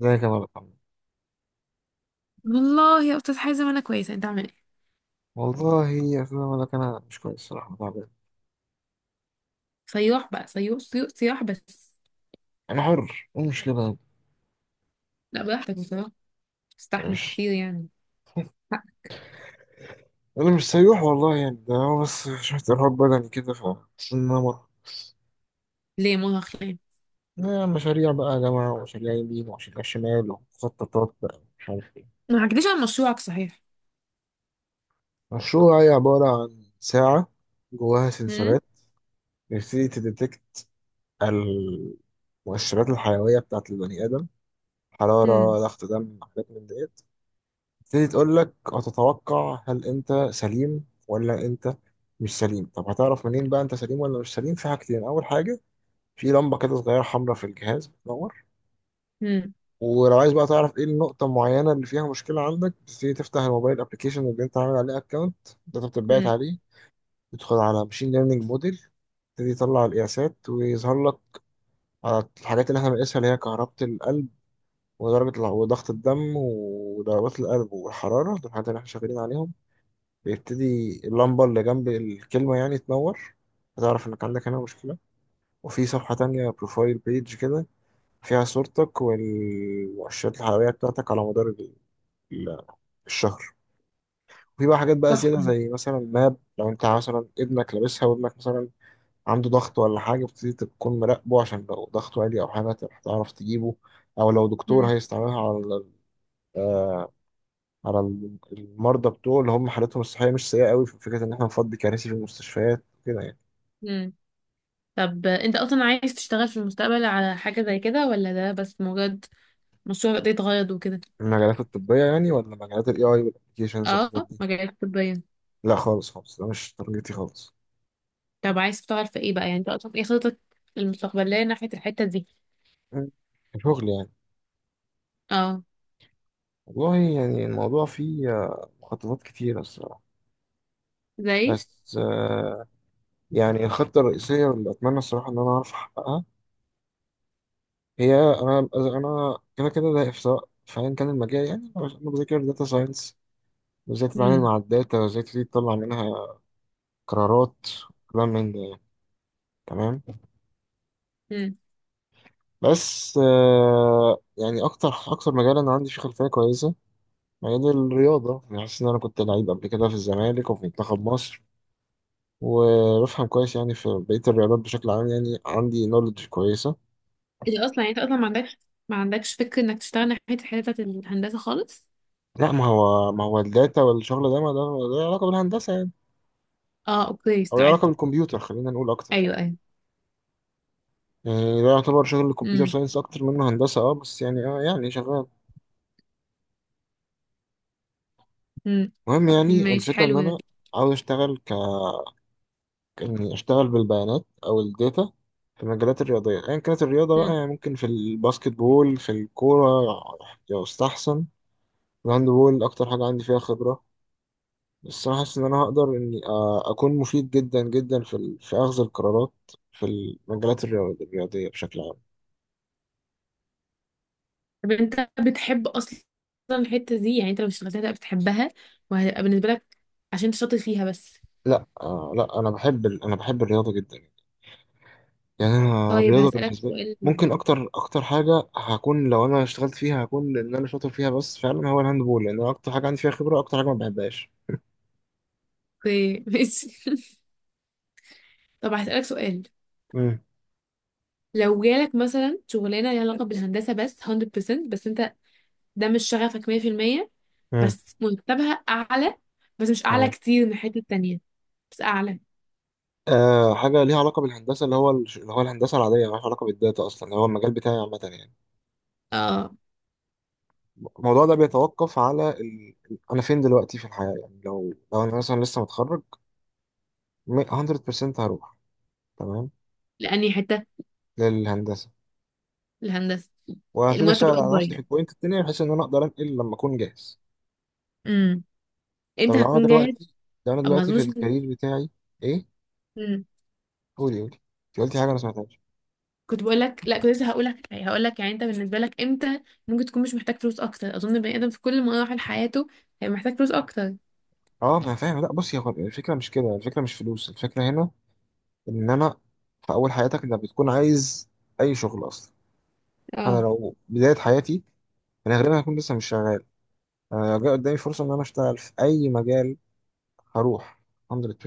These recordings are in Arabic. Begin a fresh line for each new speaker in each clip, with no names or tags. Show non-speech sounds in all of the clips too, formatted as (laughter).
ازيك يا ملك عمرو؟
والله يا استاذ حازم، انا كويسه. انت عامل ايه؟
والله أصل أنا ملك، أنا مش كويس الصراحة، تعبان.
صياح بقى، صيوح صيوح صياح بس.
أنا حر، أنا مش لبنان.
لا، براحتك بصراحه. تستحمل
مش
كتير يعني حق.
أنا مش سيوح والله، يعني ده هو بس شوية إرهاق بدني كده ف بس إن أنا مرة
ليه مرهق ليه؟
مشاريع بقى يا جماعة، ومشاريع يمين ومشاريع شمال، ومخططات بقى مش عارف إيه.
ما حكيتليش عن مشروعك صحيح؟
مشروع هي عبارة عن ساعة جواها
امم.
سنسورات، بتبتدي تديتكت المؤشرات الحيوية بتاعة البني آدم، حرارة،
امم.
ضغط دم، حاجات من ديت. تبتدي تقول لك هتتوقع هل انت سليم ولا انت مش سليم. طب هتعرف منين بقى انت سليم ولا مش سليم؟ في حاجتين، اول حاجه في لمبه كده صغيره حمراء في الجهاز بتنور.
امم.
ولو عايز بقى تعرف ايه النقطه المعينه اللي فيها مشكله عندك، تبتدي تفتح الموبايل ابلكيشن اللي انت عامل عليه اكونت، ده انت بتبعت
امم.
عليه، تدخل على ماشين ليرنينج موديل، تبتدي تطلع القياسات ويظهر لك على الحاجات اللي احنا بنقيسها، اللي هي كهربة القلب وضغط الدم وضربات القلب والحرارة. دول الحاجات اللي احنا شغالين عليهم. بيبتدي اللمبة اللي جنب الكلمة يعني تنور، هتعرف إنك عندك هنا مشكلة. وفي صفحة تانية بروفايل بيج كده، فيها صورتك والمؤشرات الحيوية بتاعتك على مدار ال- الشهر. وفي بقى حاجات بقى زيادة،
تحفه.
زي مثلا ماب، لو أنت مثلا ابنك لابسها وابنك مثلا عنده ضغط ولا حاجة، بتبتدي تكون مراقبه، عشان لو ضغطه عالي أو حاجة تعرف تجيبه. أو لو دكتور
امم.
هيستعملها على آه، على المرضى بتوعه اللي هم حالتهم الصحية مش سيئة قوي، في فكرة إن إحنا نفضي كراسي في المستشفيات كده يعني.
امم. طب انت اصلا عايز تشتغل في المستقبل على حاجه زي كده، ولا ده بس مجرد مشروع قضية غرض وكده؟
المجالات الطبية يعني ولا مجالات ال AI والابلكيشنز
اه.
والحاجات دي؟
مجالات طبيه.
لا خالص خالص، ده مش تارجتي خالص.
طب عايز تشتغل في ايه بقى؟ يعني انت اصلا ايه خطتك المستقبليه ناحيه الحته دي؟
مم. كشغل يعني؟
اه.
والله يعني الموضوع فيه مخططات كتيرة الصراحة.
زي.
بس يعني الخطة الرئيسية اللي أتمنى الصراحة إن أنا أعرف أحققها، هي أنا كده كده ده، سواء في أيا كان المجال، يعني أنا بذاكر داتا ساينس وإزاي تتعامل
امم.
مع الداتا وإزاي تبتدي تطلع منها قرارات وكلام من ده يعني. تمام. بس يعني أكتر أكتر مجال أنا عندي فيه خلفية كويسة مجال الرياضة، يعني حاسس إن أنا كنت لعيب قبل كده في الزمالك وفي منتخب مصر، وبفهم كويس يعني في بقية الرياضات بشكل عام، يعني عندي نولج كويسة.
انت اصلا يعني انت اصلا ما عندكش فكر انك تشتغل ناحية الحتة بتاعت الهندسة خالص.
لا ما هو الداتا والشغل ده ما ده علاقة بالهندسة يعني،
اه، اوكي،
أو له
استوعب.
علاقة بالكمبيوتر خلينا نقول أكتر.
ايوه، ايوه.
يعني ده يعتبر شغل الكمبيوتر
امم.
ساينس أكتر منه هندسة، أه بس يعني أه يعني شغال.
امم.
المهم يعني
ماشي،
الفكرة إن
حلو ده.
أنا عاوز أشتغل، إني أشتغل بالبيانات أو الداتا في المجالات الرياضية، أيا كانت الرياضة بقى،
امم.
يعني ممكن في الباسكت بول، في الكورة يستحسن، الهاند بول أكتر حاجة عندي فيها خبرة. بس أنا حاسس إن أنا هقدر إني أكون مفيد جدا جدا في في أخذ القرارات في الرياضية بشكل عام.
طب انت بتحب اصلا الحتة دي؟ يعني انت لو اشتغلتها هتبقى بتحبها، وهتبقى بالنسبة لك عشان انت شاطر فيها بس؟
لا آه لا، أنا بحب أنا بحب الرياضة جدا. يعني أنا
طيب
الرياضة
هسألك
بالنسبة لي
سؤال.
ممكن أكتر أكتر حاجة هكون، لو أنا اشتغلت فيها هكون إن أنا شاطر فيها بس فعلا هو الهاند بول، لأن أنا أكتر حاجة عندي فيها خبرة أكتر حاجة ما بحبهاش.
اوكي، ماشي. (laughs) طب هسألك سؤال.
مم.
لو جالك مثلا شغلانة ليها علاقة بالهندسة بس 100%، بس انت ده مش شغفك 100%،
مم.
بس مرتبها اعلى، بس مش اعلى
تمام.
كتير من الحته التانية، بس اعلى.
آه، حاجة ليها علاقة بالهندسة، اللي هو اللي هو الهندسة العادية مالهاش علاقة بالداتا أصلا اللي هو المجال بتاعي عامة يعني،
اه،
الموضوع ده بيتوقف على ال... أنا فين دلوقتي في الحياة، يعني لو أنا مثلا لسه متخرج، 100% هروح، تمام،
لاني حته
للهندسة،
الهندسه.
وهبتدي
المرتب
أشتغل على
الاكبر
نفسي في
يعني.
البوينت التانية بحيث إن أنا أقدر أنقل لما أكون جاهز.
امم.
طب
امتى
لو أنا
هكون جاهز؟
دلوقتي، لو أنا
اما
دلوقتي في
اظنش.
الكارير بتاعي. إيه؟
امم.
قولي قولي، أنت قلتي حاجة أنا ما سمعتهاش.
كنت بقول لك، لا كنت لسه هقول لك يعني انت بالنسبه لك امتى ممكن تكون مش محتاج فلوس اكتر. اظن بني ادم في كل مراحل حياته هيبقى محتاج فلوس اكتر.
أه ما أنا فاهم. لا بصي، هو الفكرة مش كده، الفكرة مش فلوس، الفكرة هنا انما في اول حياتك انت بتكون عايز اي شغل اصلا. انا
اه،
لو بدايه حياتي انا غالبا هكون لسه مش شغال، انا لو جه قدامي فرصه ان انا اشتغل في اي مجال هروح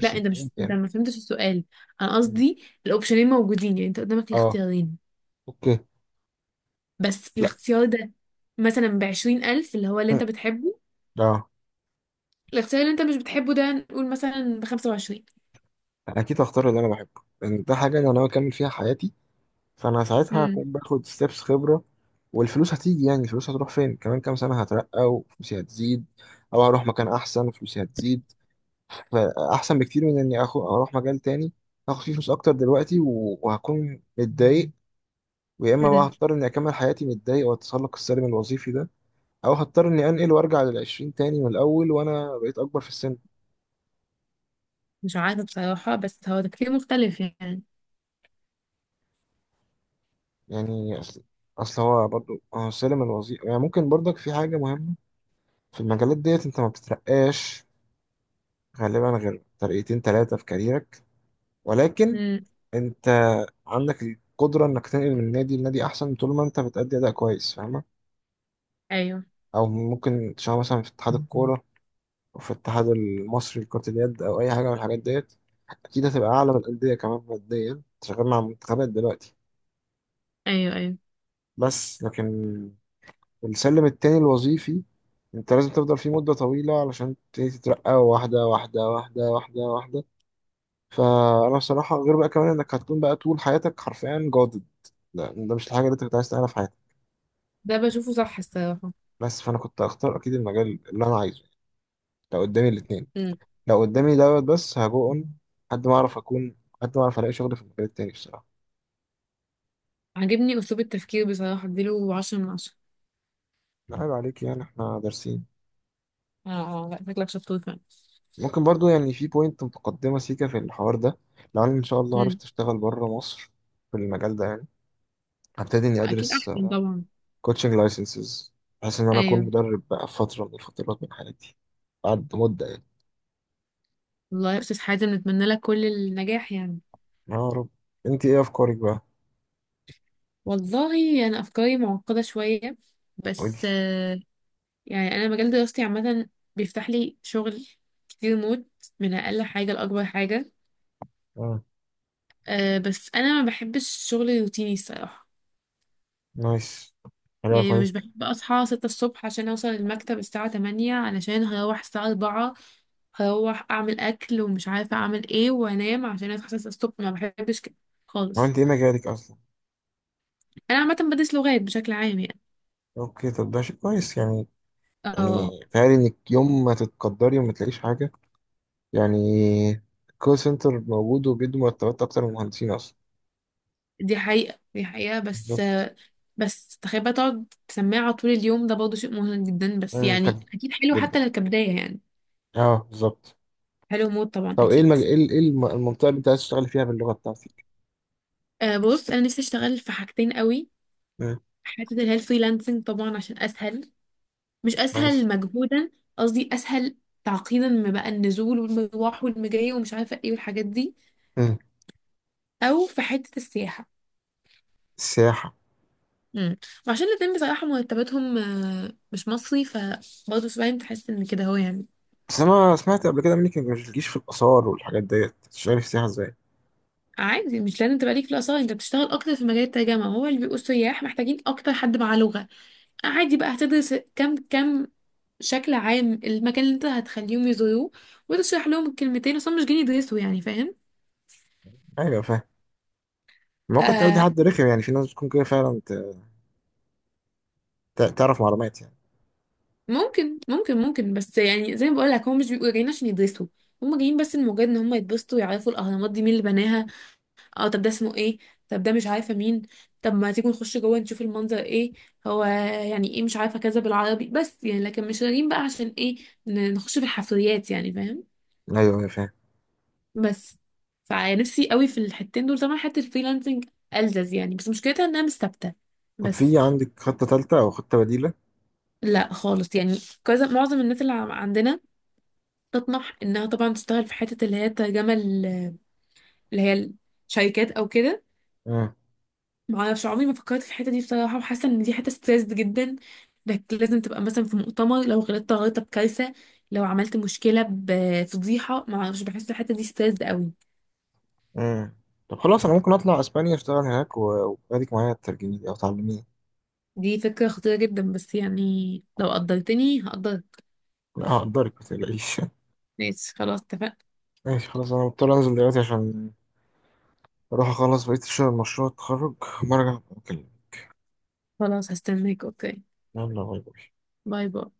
لا. انت
ايا
مش انت
كان.
ما فهمتش السؤال. انا
م.
قصدي الاوبشنين موجودين، يعني انت قدامك
اه.
الاختيارين.
اوكي.
بس
لا.
الاختيار ده مثلا بـ20 ألف، اللي
م.
انت بتحبه.
اه.
الاختيار اللي انت مش بتحبه ده نقول مثلا بـ25.
انا اكيد هختار اللي انا بحبه، لان ده حاجه انا ناوي اكمل فيها حياتي، فانا ساعتها
امم.
هكون باخد ستيبس خبره والفلوس هتيجي، يعني الفلوس هتروح فين؟ كمان كام سنه هترقى وفلوسي هتزيد، او هروح مكان احسن وفلوسي هتزيد. فاحسن بكتير من اني أخو اروح مجال تاني هاخد فيه فلوس اكتر دلوقتي وهكون متضايق، ويا اما بقى هضطر اني اكمل حياتي متضايق والتسلق السلبي الوظيفي ده، او هضطر اني انقل وارجع للعشرين تاني من الاول وانا بقيت اكبر في السن.
مش عارفة بصراحة، بس هو تفكير مختلف يعني.
يعني اصل، اصل هو برضو هو السلم الوظيفي يعني ممكن برضك في حاجة مهمة، في المجالات ديت انت ما بتترقاش غالبا غير ترقيتين تلاتة في كاريرك، ولكن
امم.
انت عندك القدرة انك تنقل من نادي لنادي احسن طول ما انت بتأدي اداء كويس، فاهم؟
ايوه،
او ممكن تشتغل مثلا في اتحاد الكوره، وفي الاتحاد المصري لكرة اليد او اي حاجه من الحاجات ديت، اكيد هتبقى اعلى من الانديه كمان ماديا، أنت شغال مع منتخبات دلوقتي.
ايوه، ايوه.
بس لكن السلم التاني الوظيفي انت لازم تفضل فيه مده طويله علشان تبتدي تترقى واحده واحده واحده واحده واحده، فانا بصراحه غير بقى كمان انك هتكون بقى طول حياتك حرفيا جادد، لا ده مش الحاجه اللي انت كنت عايز تعملها في حياتك.
ده بشوفه صح الصراحة.
بس فانا كنت هختار اكيد المجال اللي انا عايزه لو قدامي الاثنين.
امم.
لو قدامي دوت بس هجو اون، لحد ما اعرف اكون، لحد ما اعرف الاقي شغل في المجال التاني بصراحه.
عاجبني اسلوب التفكير بصراحة، اديله 10 من 10.
لا، عيب عليك يعني، احنا دارسين.
اه، اه، لا، شكلك شطور فعلا.
ممكن برضو يعني في بوينت متقدمه سيكا في الحوار ده، لو انا ان شاء الله
امم.
عرفت اشتغل بره مصر في المجال ده يعني، هبتدي اني
اكيد
ادرس
احسن طبعا.
كوتشنج لايسنسز بحيث ان انا اكون
ايوه.
مدرب بقى في فتره من الفترات من حياتي، بعد مده يعني.
والله يا استاذ حازم، نتمنى لك كل النجاح يعني.
يا رب. انت ايه افكارك بقى؟
والله انا افكاري معقدة شوية،
قولي.
بس يعني انا مجال دراستي عامة، بيفتح لي شغل كتير موت، من اقل حاجة لاكبر حاجة.
اه.
أه بس انا ما بحبش الشغل الروتيني الصراحة.
نايس. حاجه
يعني مش
كويس.
بحب أصحى 6 الصبح عشان أوصل المكتب الساعة 8، علشان هروح الساعة 4 هروح أعمل أكل ومش عارفة أعمل إيه وأنام، عشان أصحى 6 الصبح. ما بحبش كده
ما
خالص.
انت ايه مجالك اصلا؟
أنا عامة بدرس لغات بشكل عام يعني.
اوكي، طب ده شيء كويس يعني.
اه،
يعني تخيل انك يوم ما تتقدري وما تلاقيش حاجة، يعني الكول سنتر موجود وبيدوا مرتبات أكتر من المهندسين أصلا.
دي حقيقة، دي حقيقة. بس،
بالظبط.
بس تخيل بقى تقعد سماعة طول اليوم، ده برضه شيء مهم جدا، بس
منتج
يعني أكيد حلو
جدا.
حتى لو كبداية يعني.
اه بالظبط.
حلو موت طبعا،
طب ايه
أكيد.
المج... ايه إيه المنطقة اللي انت عايز تشتغل فيها باللغة بتاعتك؟
أه بص، أنا نفسي أشتغل في حاجتين قوي.
مم.
حتة اللي هي الفريلانسنج طبعا عشان أسهل. مش اسهل
ماشي.
مجهودا، قصدي اسهل تعقيدا، ما بقى النزول والمروح والمجاي ومش عارفه ايه والحاجات دي.
مم.
او في حته السياحه.
السياحة.
امم. وعشان الاتنين بصراحه مرتباتهم مش مصري، فبرضه 70 تحس ان كده هو يعني.
بس أنا سمعت قبل كده منك إنك مش بتجيش في الآثار والحاجات ديت، تشتغلي في السياحة إزاي؟
عادي مش لازم تبقى ليك في الاثار، انت بتشتغل اكتر في مجال الترجمه، هو اللي بيبقوا السياح محتاجين اكتر حد معاه لغه. عادي بقى هتدرس كم كم شكل عام المكان اللي انت هتخليهم يزوروه، وتشرح لهم الكلمتين، اصلا مش جايين يدرسوا يعني فاهم.
أيوة فاهم. ممكن تقابلي
آه،
حد رخم يعني، في ناس بتكون كده فعلا ت... تعرف معلومات يعني.
ممكن، ممكن، ممكن، بس يعني زي ما بقول لك هم مش بيبقوا جايين عشان يدرسوا. هم جايين بس لمجرد ان هم يتبسطوا، يعرفوا الاهرامات دي مين اللي بناها. اه طب ده اسمه ايه؟ طب ده مش عارفه مين؟ طب ما تيجوا نخش جوه نشوف المنظر ايه؟ هو يعني ايه مش عارفه كذا بالعربي، بس يعني لكن مش جايين بقى عشان ايه؟ نخش في الحفريات يعني فاهم.
أيوة أيوة فاهم.
بس فنفسي قوي في الحتتين دول طبعا. حته الفريلانسنج ألذذ يعني، بس مشكلتها انها مش ثابته.
طب في
بس
عندك خطة تالتة أو خطة بديلة؟
لا خالص يعني، كذا معظم الناس اللي عندنا تطمح انها طبعا تشتغل في حته اللي هي الترجمه اللي هي الشركات او كده.
مم.
معرفش عمري ما فكرت في الحته دي بصراحه، وحاسه ان دي حته ستريسد جدا، انك لازم تبقى مثلا في مؤتمر، لو غلطت غلطه بكارثه، لو عملت مشكله بفضيحه، معرفش بحس الحته دي ستريسد قوي.
مم. طب خلاص انا ممكن اطلع اسبانيا اشتغل هناك واديك معايا ترجمي لي او تعلميني.
دي فكره خطيره جدا، بس يعني لو قدرتني هقدرك.
لا هقدرك ما تقلقيش.
ماشي خلاص، اتفقنا.
(laughs) ماشي خلاص، انا مضطر انزل دلوقتي عشان اروح اخلص بقية الشغل، مشروع التخرج، وأما ارجع أبقى اكلمك.
خلاص هستناك اوكي.
يلا باي باي.
باي باي.